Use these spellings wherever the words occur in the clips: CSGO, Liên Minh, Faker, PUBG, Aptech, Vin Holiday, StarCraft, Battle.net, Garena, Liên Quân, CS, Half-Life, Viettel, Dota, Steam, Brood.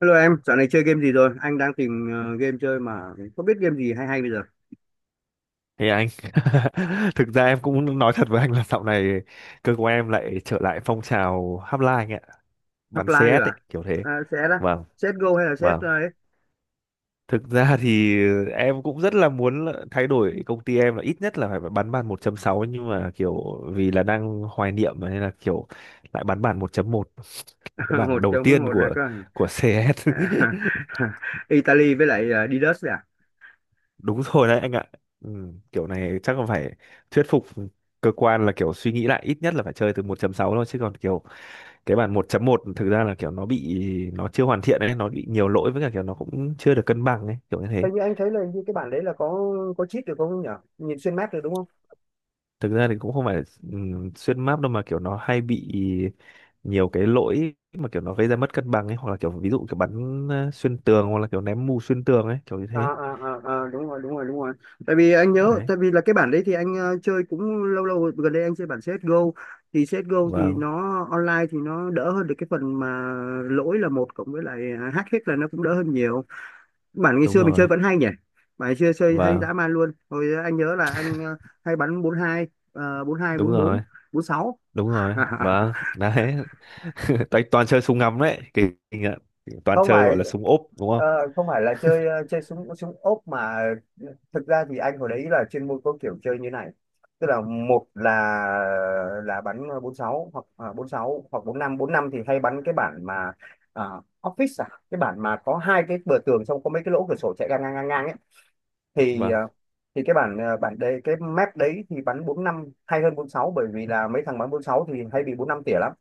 Hello em, dạo này chơi game gì rồi? Anh đang tìm game chơi mà không biết game gì hay hay bây giờ. Thì anh Thực ra em cũng nói thật với anh là dạo này cơ của em lại trở lại phong trào hotline anh ạ, bắn CS Half-Life rồi ấy, à? kiểu thế. À sẽ đó. Vâng, CSGO hay là CS vâng. ấy? Thực ra thì em cũng rất là muốn là thay đổi công ty em là ít nhất là phải bắn bàn 1.6, nhưng mà kiểu vì là đang hoài niệm mà nên là kiểu lại bắn bàn 1.1, cái bản Một đầu chống tiên một là của cơ. CS. Italy với lại Didus đấy à? Đúng rồi đấy anh ạ. Ừ, kiểu này chắc là phải thuyết phục cơ quan là kiểu suy nghĩ lại, ít nhất là phải chơi từ 1.6 thôi, chứ còn kiểu cái bản 1.1 thực ra là kiểu nó bị nó chưa hoàn thiện ấy, nó bị nhiều lỗi, với cả kiểu nó cũng chưa được cân bằng ấy, kiểu như thế. Hình như anh thấy là hình như cái bản đấy là có cheat được không nhỉ? Nhìn xuyên map được đúng không? Thực ra thì cũng không phải xuyên map đâu, mà kiểu nó hay bị nhiều cái lỗi mà kiểu nó gây ra mất cân bằng ấy, hoặc là kiểu ví dụ kiểu bắn xuyên tường, hoặc là kiểu ném mù xuyên tường ấy, kiểu như thế Đúng rồi, đúng rồi, đúng rồi, tại vì anh nhớ, đấy. tại vì là cái bản đấy thì anh chơi cũng lâu lâu rồi. Gần đây anh chơi bản CSGO, thì CSGO thì Vâng, nó online thì nó đỡ hơn được cái phần mà lỗi là một cộng với lại hack hết, là nó cũng đỡ hơn nhiều. Bản ngày đúng xưa mình chơi rồi. vẫn hay nhỉ. Bản ngày xưa chơi hay Vâng, dã man luôn. Hồi anh nhớ là anh hay bắn bốn bốn hai, bốn hai đúng bốn bốn, rồi, bốn sáu. đúng rồi. Vâng, đấy. toàn toàn chơi súng ngắm đấy, kỳ kinh ạ. Toàn Không chơi phải, gọi là súng ốp đúng ờ, không. không phải là chơi chơi súng súng ốp, mà thực ra thì anh hồi đấy là chuyên môn có kiểu chơi như này, tức là một là bắn bốn sáu hoặc bốn sáu hoặc bốn năm. Bốn năm thì hay bắn cái bản mà à, office, à, cái bản mà có hai cái bờ tường, xong có mấy cái lỗ cửa sổ chạy ngang ngang ngang ngang ấy, thì Vâng. Thì cái bản, bản đấy, cái map đấy thì bắn bốn năm hay hơn bốn sáu, bởi vì là mấy thằng bắn bốn sáu thì hay bị bốn năm tỉa lắm.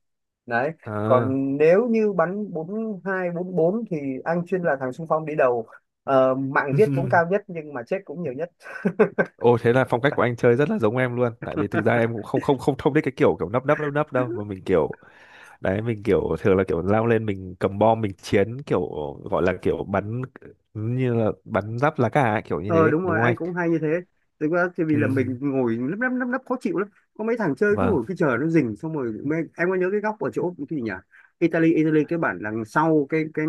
Đấy. À. Còn nếu như bắn bốn hai bốn bốn thì anh chuyên là thằng xung phong đi đầu. Mạng giết cũng cao nhất nhưng mà chết cũng nhiều nhất. Ồ, thế là phong cách của anh chơi rất là giống em luôn, tại vì thực ra em cũng không không không không thích cái kiểu kiểu nấp nấp đâu, mà mình kiểu đấy, mình kiểu thường là kiểu lao lên, mình cầm bom mình chiến, kiểu gọi là kiểu bắn như là bắn giáp lá cà ấy, kiểu như Ờ thế Đúng đúng rồi, không anh anh. cũng hay như thế. Thực ra thì vì là Ừ, mình ngồi lấp lấp lấp lấp khó chịu lắm. Có mấy thằng chơi cứ vâng, ngồi, cứ chờ nó rình, xong rồi em có nhớ cái góc ở chỗ cái gì nhỉ? Italy Italy cái bản đằng sau cái cái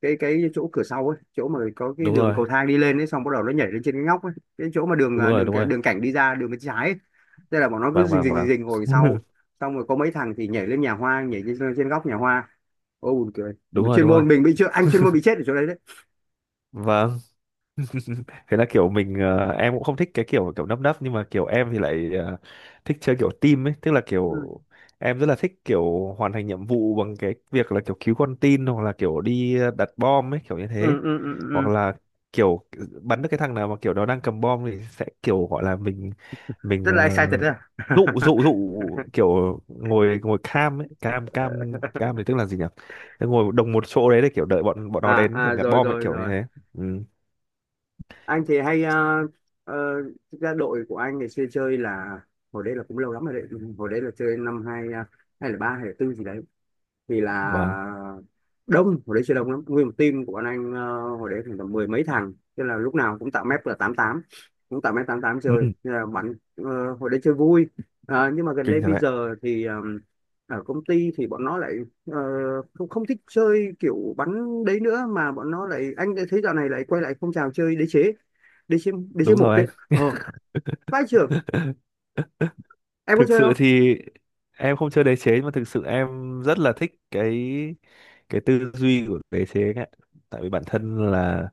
cái cái chỗ cửa sau ấy, chỗ mà có cái đúng đường rồi, cầu thang đi lên ấy, xong bắt đầu nó nhảy lên trên cái ngóc ấy, cái chỗ mà đường đúng à, rồi, đường đúng à, rồi. đường cảnh đi ra đường bên trái ấy. Thế là bọn nó cứ vâng rình vâng rình rình vâng rình ngồi sau, xong rồi có mấy thằng thì nhảy lên nhà hoa, nhảy lên trên góc nhà hoa. Ô buồn cười, Đúng mà rồi, chuyên đúng rồi. môn mình bị chưa, anh chuyên môn bị chết ở chỗ đấy đấy. Vâng, thế là kiểu mình em cũng không thích cái kiểu kiểu nấp nấp, nhưng mà kiểu em thì lại thích chơi kiểu team ấy, tức là kiểu Ừ, em rất là thích kiểu hoàn thành nhiệm vụ bằng cái việc là kiểu cứu con tin, hoặc là kiểu đi đặt bom ấy, kiểu như ừ, thế. ừ, ừ, Hoặc ừ. là kiểu bắn được cái thằng nào mà kiểu nó đang cầm bom thì sẽ kiểu gọi là mình mình Rất ờ, là excited đấy à. dụ dụ dụ kiểu ngồi ngồi cam ấy, cam cam cam thì tức là gì nhỉ. Tức ngồi đồng một chỗ đấy để kiểu đợi bọn bọn nó À, đến kiểu à, nhặt rồi, bom ấy, rồi, kiểu như rồi. thế. Ừ, Anh thì hay, ờ, thực ra đội của anh ngày xưa chơi là hồi đấy là cũng lâu lắm rồi đấy. Hồi đấy là chơi năm hai, hai là ba hay là tư gì đấy, vì là vâng. đông, hồi đấy chơi đông lắm, nguyên một team của bọn anh hồi đấy khoảng tầm mười mấy thằng, thế là lúc nào cũng tạo map là tám tám. Cũng tạo map tám tám Ừ. chơi. Thế là bắn, hồi đấy chơi vui. Nhưng mà gần đây Kinh thật bây đấy. giờ thì, ở công ty thì bọn nó lại ờ, không không thích chơi kiểu bắn đấy nữa, mà bọn nó lại, anh đã thấy dạo này lại quay lại phong trào chơi đế chế Đúng một rồi đấy. Ờ Vai trưởng. anh. Em có Thực chơi sự không? thì em không chơi đế chế, mà thực sự em rất là thích cái tư duy của đế chế ấy ạ. Tại vì bản thân là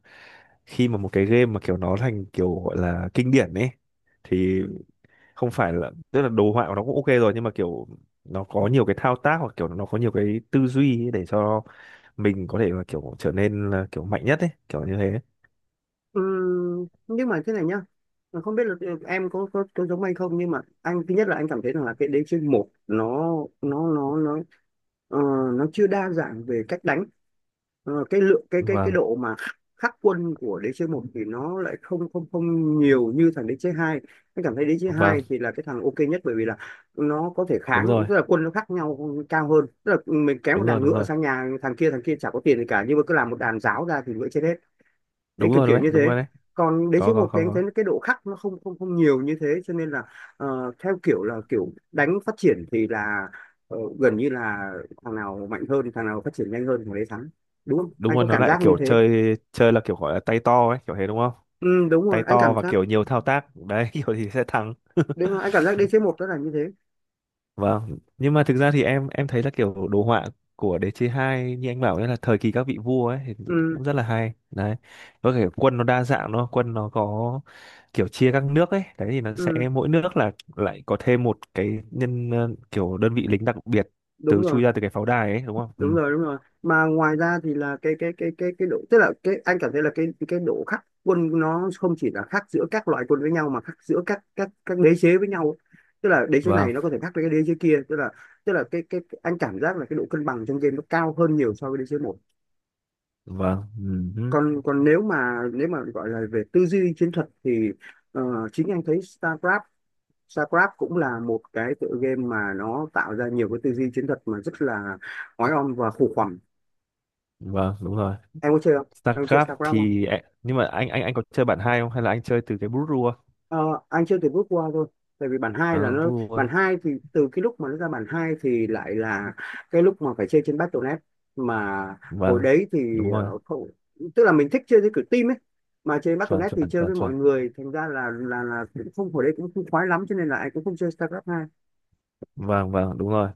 khi mà một cái game mà kiểu nó thành kiểu gọi là kinh điển ấy, thì không phải là tức là đồ họa của nó cũng OK rồi, nhưng mà kiểu nó có nhiều cái thao tác, hoặc kiểu nó có nhiều cái tư duy ấy, để cho mình có thể là kiểu trở nên là kiểu mạnh nhất ấy, kiểu như thế. Nhưng mà thế này nhá. Mà không biết là, em có giống anh không, nhưng mà anh, thứ nhất là anh cảm thấy rằng là cái đế chế một nó nó nó nó ờ, nó chưa đa dạng về cách đánh. Cái lượng, cái Vâng, độ mà khắc quân của đế chế một thì nó lại không không không nhiều như thằng đế chế hai. Anh cảm thấy đế chế vâng, hai thì là cái thằng ok nhất, bởi vì là nó có thể đúng kháng, rồi, tức là quân nó khác nhau cao hơn, tức là mình kéo một đúng rồi, đàn đúng ngựa rồi. sang nhà thằng kia, thằng kia chả có tiền gì cả nhưng mà cứ làm một đàn giáo ra thì ngựa chết hết. Đấy, Đúng kiểu rồi, đúng kiểu đấy, như đúng thế. rồi đấy. Còn đế Có, chế có, một thì anh thấy có. cái độ khắc nó không không không nhiều như thế, cho nên là, theo kiểu là kiểu đánh phát triển thì là, gần như là thằng nào mạnh hơn, thằng nào phát triển nhanh hơn, thằng đấy thắng. Đúng không, Đúng anh rồi, có nó cảm lại giác như kiểu thế. chơi chơi là kiểu gọi là tay to ấy, kiểu thế đúng không. Ừ, Tay to và kiểu nhiều thao tác đấy, kiểu thì sẽ thắng. đúng rồi, anh cảm giác đế chế một đó là như thế. Vâng, nhưng mà thực ra thì em thấy là kiểu đồ họa của Đế chế 2 như anh bảo đấy, là thời kỳ các vị vua ấy, thì Ừ, cũng rất là hay đấy. Với cả quân nó đa dạng, nó quân nó có kiểu chia các nước ấy đấy, thì nó sẽ ừ, mỗi nước là lại có thêm một cái nhân kiểu đơn vị lính đặc biệt đúng từ rồi, chui ra từ cái pháo đài ấy đúng không. Ừ. đúng rồi, đúng rồi, mà ngoài ra thì là cái độ, tức là cái anh cảm thấy là cái độ khác quân nó không chỉ là khác giữa các loại quân với nhau, mà khác giữa các đế chế với nhau, tức là đế chế này Vâng, nó có thể khác với cái đế chế kia, tức là cái anh cảm giác là cái độ cân bằng trong game nó cao hơn nhiều so với đế chế một. vâng. Ừ. Hứ, Còn còn nếu mà gọi là về tư duy chiến thuật thì, ờ, chính anh thấy StarCraft. StarCraft cũng là một cái tựa game mà nó tạo ra nhiều cái tư duy chiến thuật mà rất là oái oăm và khủng hoảng. vâng, đúng rồi. Em có chơi không Em có chơi StarCraft StarCraft không? thì nhưng mà anh anh có chơi bản hai không, hay là anh chơi từ cái Brood. ờ, anh chưa từ bước qua thôi, tại vì bản hai là Ờ nó, Brood. bản hai thì từ cái lúc mà nó ra bản hai thì lại là cái lúc mà phải chơi trên Battle.net, mà hồi Vâng, đấy thì đúng rồi. Không, tức là mình thích chơi với kiểu team ấy, mà chơi chuẩn Battle.net thì chuẩn chơi chuẩn với chuẩn mọi người, thành ra là cũng không, hồi đấy cũng không khoái lắm, cho nên là anh cũng không chơi StarCraft hai. Vâng, vâng, đúng rồi.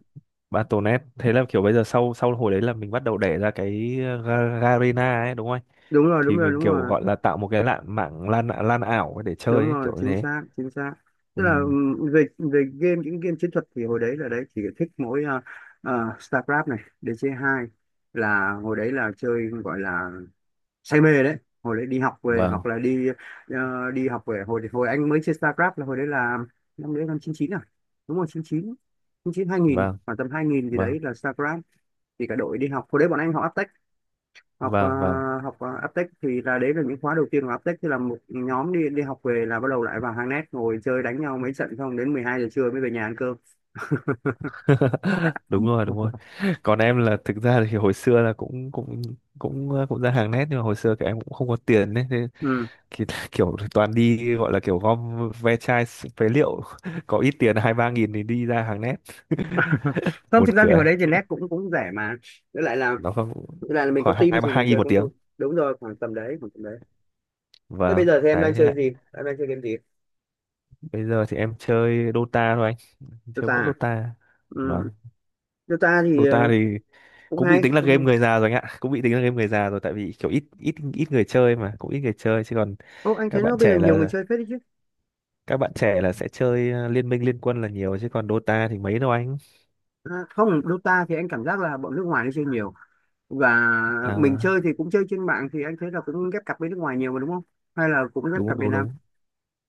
Battle.net. Thế là kiểu bây giờ sau sau hồi đấy là mình bắt đầu đẻ ra cái Garena ấy đúng không anh? Đúng rồi, đúng Thì rồi, mình đúng kiểu rồi, gọi là tạo một cái lạn mạng lan lan ảo để chơi đúng ấy, rồi, kiểu như chính thế. xác, chính xác. Tức là, Ừ. Về về game, những game chiến thuật thì hồi đấy là đấy chỉ thích mỗi, StarCraft này, DC hai, là hồi đấy là chơi, gọi là say mê đấy. Hồi đấy đi học về hoặc vâng là đi, đi học về, hồi hồi anh mới chơi StarCraft là hồi đấy là năm đấy, năm chín chín à, đúng rồi chín chín, 2000, vâng khoảng tầm 2000 gì vâng đấy là StarCraft. Thì cả đội đi học hồi đấy bọn anh học Aptech, học ờ, vâng vâng Aptech thì là, đấy là những khóa đầu tiên của Aptech, thì là một nhóm đi đi học về là bắt đầu lại vào hang net ngồi chơi đánh nhau mấy trận, xong đến 12 giờ trưa mới về nhà ăn cơm. Đúng rồi, đúng rồi. Còn em là thực ra thì hồi xưa là cũng cũng cũng ờ, cũng ra hàng nét, nhưng mà hồi xưa các em cũng không có tiền đấy, thế Ừ. thì kiểu toàn đi gọi là kiểu gom ve chai phế liệu, có ít tiền 2-3 nghìn thì đi ra hàng nét. Không, Buồn thực ra thì hồi cười. đấy thì net cũng cũng rẻ mà, với lại là Nó không. Mình có Khoảng team hai ba thì mình 2 nghìn chơi một cũng vui. tiếng. Đúng rồi, khoảng tầm đấy, khoảng tầm đấy. Thế Và bây giờ thì em đấy đang thế chơi ạ. gì Em đang chơi game gì? Bây giờ thì em chơi Dota thôi, anh chơi Dota mỗi à? Dota. Ừ. Vâng. Dota thì, Dota thì cũng cũng bị hay, tính là cũng game hay. người già rồi anh ạ, cũng bị tính là game người già rồi, tại vì kiểu ít ít ít người chơi mà, cũng ít người chơi. Chứ còn Ô, anh các thấy nó bạn bây giờ trẻ nhiều người là chơi phết đấy chứ. các bạn trẻ sẽ chơi liên minh, liên quân là nhiều, chứ còn Dota thì mấy đâu anh. À, không, Dota thì anh cảm giác là bọn nước ngoài nó chơi nhiều, và mình chơi À, thì cũng chơi trên mạng thì anh thấy là cũng ghép cặp với nước ngoài nhiều mà, đúng không, hay là cũng ghép đúng, cặp Việt đúng, Nam? đúng.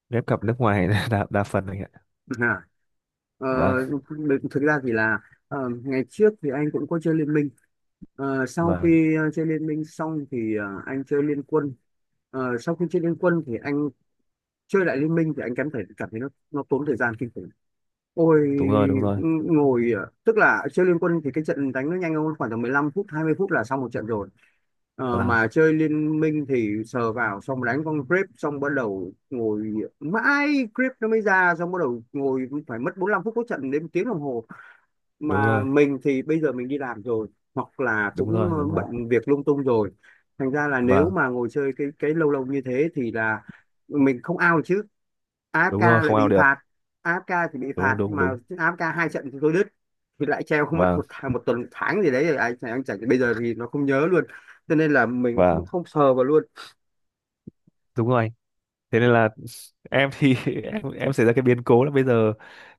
Ghép cặp nước ngoài là đa phần anh ạ. à, ờ, Vâng, Thực ra thì là, ngày trước thì anh cũng có chơi Liên Minh. Sau vâng, khi chơi Liên Minh xong thì, anh chơi Liên Quân. Sau khi chơi Liên Quân thì anh chơi lại Liên Minh thì anh cảm thấy nó tốn thời gian kinh khủng. Ôi, đúng rồi, đúng rồi. ngồi, tức là chơi Liên Quân thì cái trận đánh nó nhanh hơn, khoảng tầm 15 phút, 20 phút là xong một trận rồi. Vâng, Mà chơi Liên Minh thì sờ vào, xong đánh con creep, xong bắt đầu ngồi mãi, creep nó mới ra, xong bắt đầu ngồi phải mất 45 phút, có trận đến một tiếng đồng hồ, đúng mà rồi, mình thì bây giờ mình đi làm rồi, hoặc là đúng cũng rồi, đúng rồi. bận việc lung tung rồi, thành ra là nếu Vâng, mà ngồi chơi cái lâu lâu như thế thì là mình không out được chứ, đúng AFK rồi. lại Không ao bị phạt. được. AFK thì bị phạt Đúng, đúng, mà. đúng. AFK hai trận thì tôi đứt, thì lại treo không, mất Vâng, một tháng, một tuần, một tháng gì đấy rồi, anh chẳng bây giờ thì nó không nhớ luôn, cho nên là mình vâng, không không sờ vào luôn. đúng rồi anh. Thế nên là em thì em xảy ra cái biến cố là bây giờ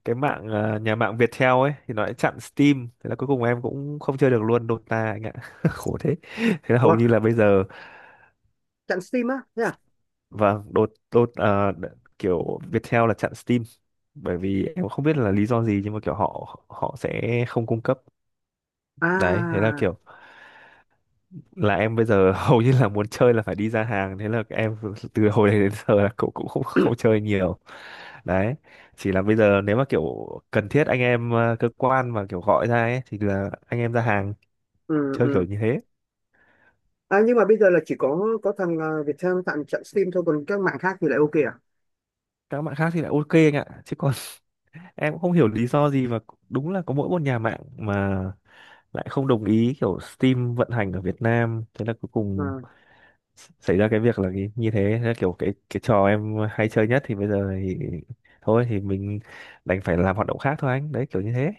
cái mạng nhà mạng Viettel ấy, thì nó lại chặn Steam, thế là cuối cùng em cũng không chơi được luôn Dota anh ạ. Khổ thế, thế là hầu Ủa, như là bây giờ. trận Steam á, thế à? Vâng, đột đột à, đ- kiểu Viettel là chặn Steam, bởi vì em không biết là lý do gì, nhưng mà kiểu họ họ sẽ không cung cấp. Đấy, thế là À. kiểu là em bây giờ hầu như là muốn chơi là phải đi ra hàng, thế là em từ hồi đấy đến giờ là cũng cũng không không chơi nhiều. Đấy, chỉ là bây giờ nếu mà kiểu cần thiết anh em cơ quan mà kiểu gọi ra ấy, thì là anh em ra hàng Ừ, chơi, kiểu ừ. như thế. À, nhưng mà bây giờ là chỉ có thằng, Viettel tặng trận Steam thôi, còn các mạng khác thì lại ok à? Các bạn khác thì lại OK anh ạ, chứ còn em cũng không hiểu lý do gì, và đúng là có mỗi một nhà mạng mà lại không đồng ý kiểu Steam vận hành ở Việt Nam, thế là cuối cùng À. xảy ra cái việc là cái, như thế, thế là kiểu cái trò em hay chơi nhất thì bây giờ thì thôi thì mình đành phải làm hoạt động khác thôi anh, đấy kiểu như thế.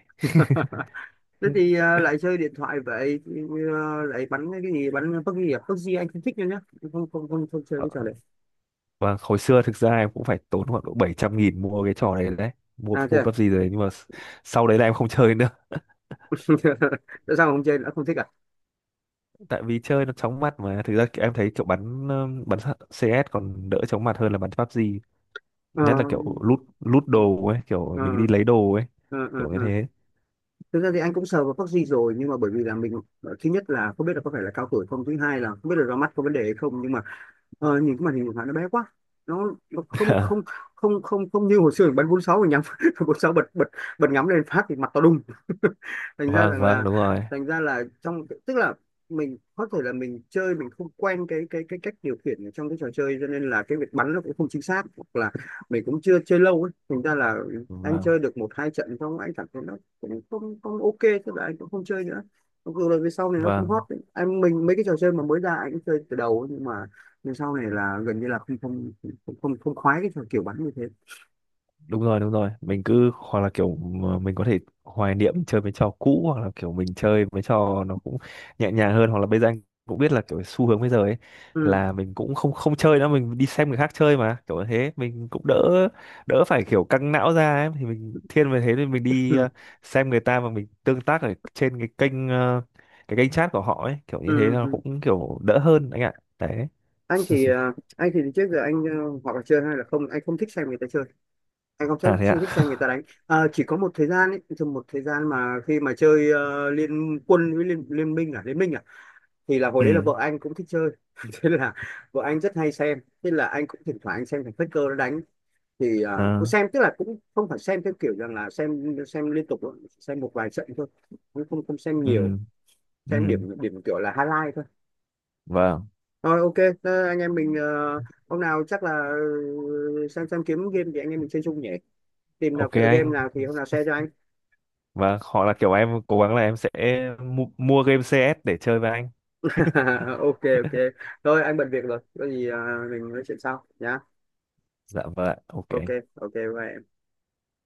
Thế thì, lại chơi điện thoại vậy thì, lại bắn cái gì, bắn PUBG à? PUBG anh không thích nữa nhá. Không, không, không, không chơi Ờ, cái trò này. và hồi xưa thực ra em cũng phải tốn khoảng độ 700.000 mua cái trò này đấy, mua À thế mua à? pắp gì rồi, nhưng mà sau đấy là em không chơi nữa. Tại sao mà không chơi nữa, không thích à? Tại vì chơi nó chóng mặt, mà thực ra kiểu em thấy kiểu bắn bắn CS còn đỡ chóng mặt hơn là bắn PUBG, Ờ, nhất là kiểu lút lút đồ ấy, kiểu ờ, mình đi lấy đồ ấy, ờ, ờ, kiểu như ờ. thế. Thực ra thì anh cũng sờ vào vaccine rồi, nhưng mà bởi vì là mình, thứ nhất là không biết là có phải là cao tuổi không, thứ hai là không biết là ra mắt có vấn đề hay không, nhưng mà, nhìn cái màn hình của bạn nó bé quá, nó không không không không không như hồi xưa mình bắn bốn sáu mình nhắm bốn sáu bật bật bật ngắm lên phát thì mặt to đùng. thành ra Vâng, rằng vâng, là đúng rồi. Thành ra là trong, tức là mình có thể là mình chơi, mình không quen cái cách điều khiển ở trong cái trò chơi, cho nên là cái việc bắn nó cũng không chính xác, hoặc là mình cũng chưa chơi lâu ấy, thành ra là anh Vâng, chơi được một hai trận xong anh cảm thấy nó cũng không không ok, tức là anh cũng không chơi nữa. Mặc dù là về sau này nó cũng vâng, hot đấy. Anh mình mấy cái trò chơi mà mới ra anh cũng chơi từ đầu ấy, nhưng sau này là gần như là không, không khoái cái kiểu bắn như thế. đúng rồi, đúng rồi. Mình cứ hoặc là kiểu mà mình có thể hoài niệm chơi mấy trò cũ, hoặc là kiểu mình chơi mấy trò nó cũng nhẹ nhàng hơn. Hoặc là bây giờ anh cũng biết là kiểu xu hướng bây giờ ấy Ừ. là mình cũng không không chơi nữa, mình đi xem người khác chơi, mà kiểu như thế mình cũng đỡ đỡ phải kiểu căng não ra ấy, thì mình thiên về thế thì mình đi Ừ. xem người ta mà mình tương tác ở trên cái kênh cái kênh chat của họ ấy, kiểu như thế Ừ. nó Ừ. cũng kiểu đỡ hơn anh ạ. Đấy. Anh thì, anh thì trước giờ anh, hoặc là chơi hay là không, anh không thích xem người ta chơi, anh không thích, À thế ạ. không thích xem người ta đánh. Ờ, chỉ có một thời gian ấy, thì một thời gian mà khi mà chơi, liên quân với liên minh à, thì là hồi đấy là Ừ. vợ anh cũng thích chơi. Thế là vợ anh rất hay xem, thế là anh cũng thỉnh thoảng anh xem thằng Faker nó đánh, thì, cũng À, xem, tức là cũng không phải xem theo kiểu rằng là xem liên tục đâu, xem một vài trận thôi, cũng không không xem nhiều, ừ. Ừ. xem điểm, điểm kiểu là highlight thôi, Vâng. rồi ok. Thế anh em mình, hôm nào chắc là, xem kiếm game thì anh em mình chơi chung nhỉ. Tìm nào OK tựa game anh. nào thì hôm nào share cho anh. Và hoặc là kiểu em cố gắng là em sẽ mua game CS để chơi với anh. Ok, ok. Thôi anh bận việc rồi, có gì, mình nói chuyện sau nhá. Dạ vâng ạ. OK Ok, anh. ok, bye em.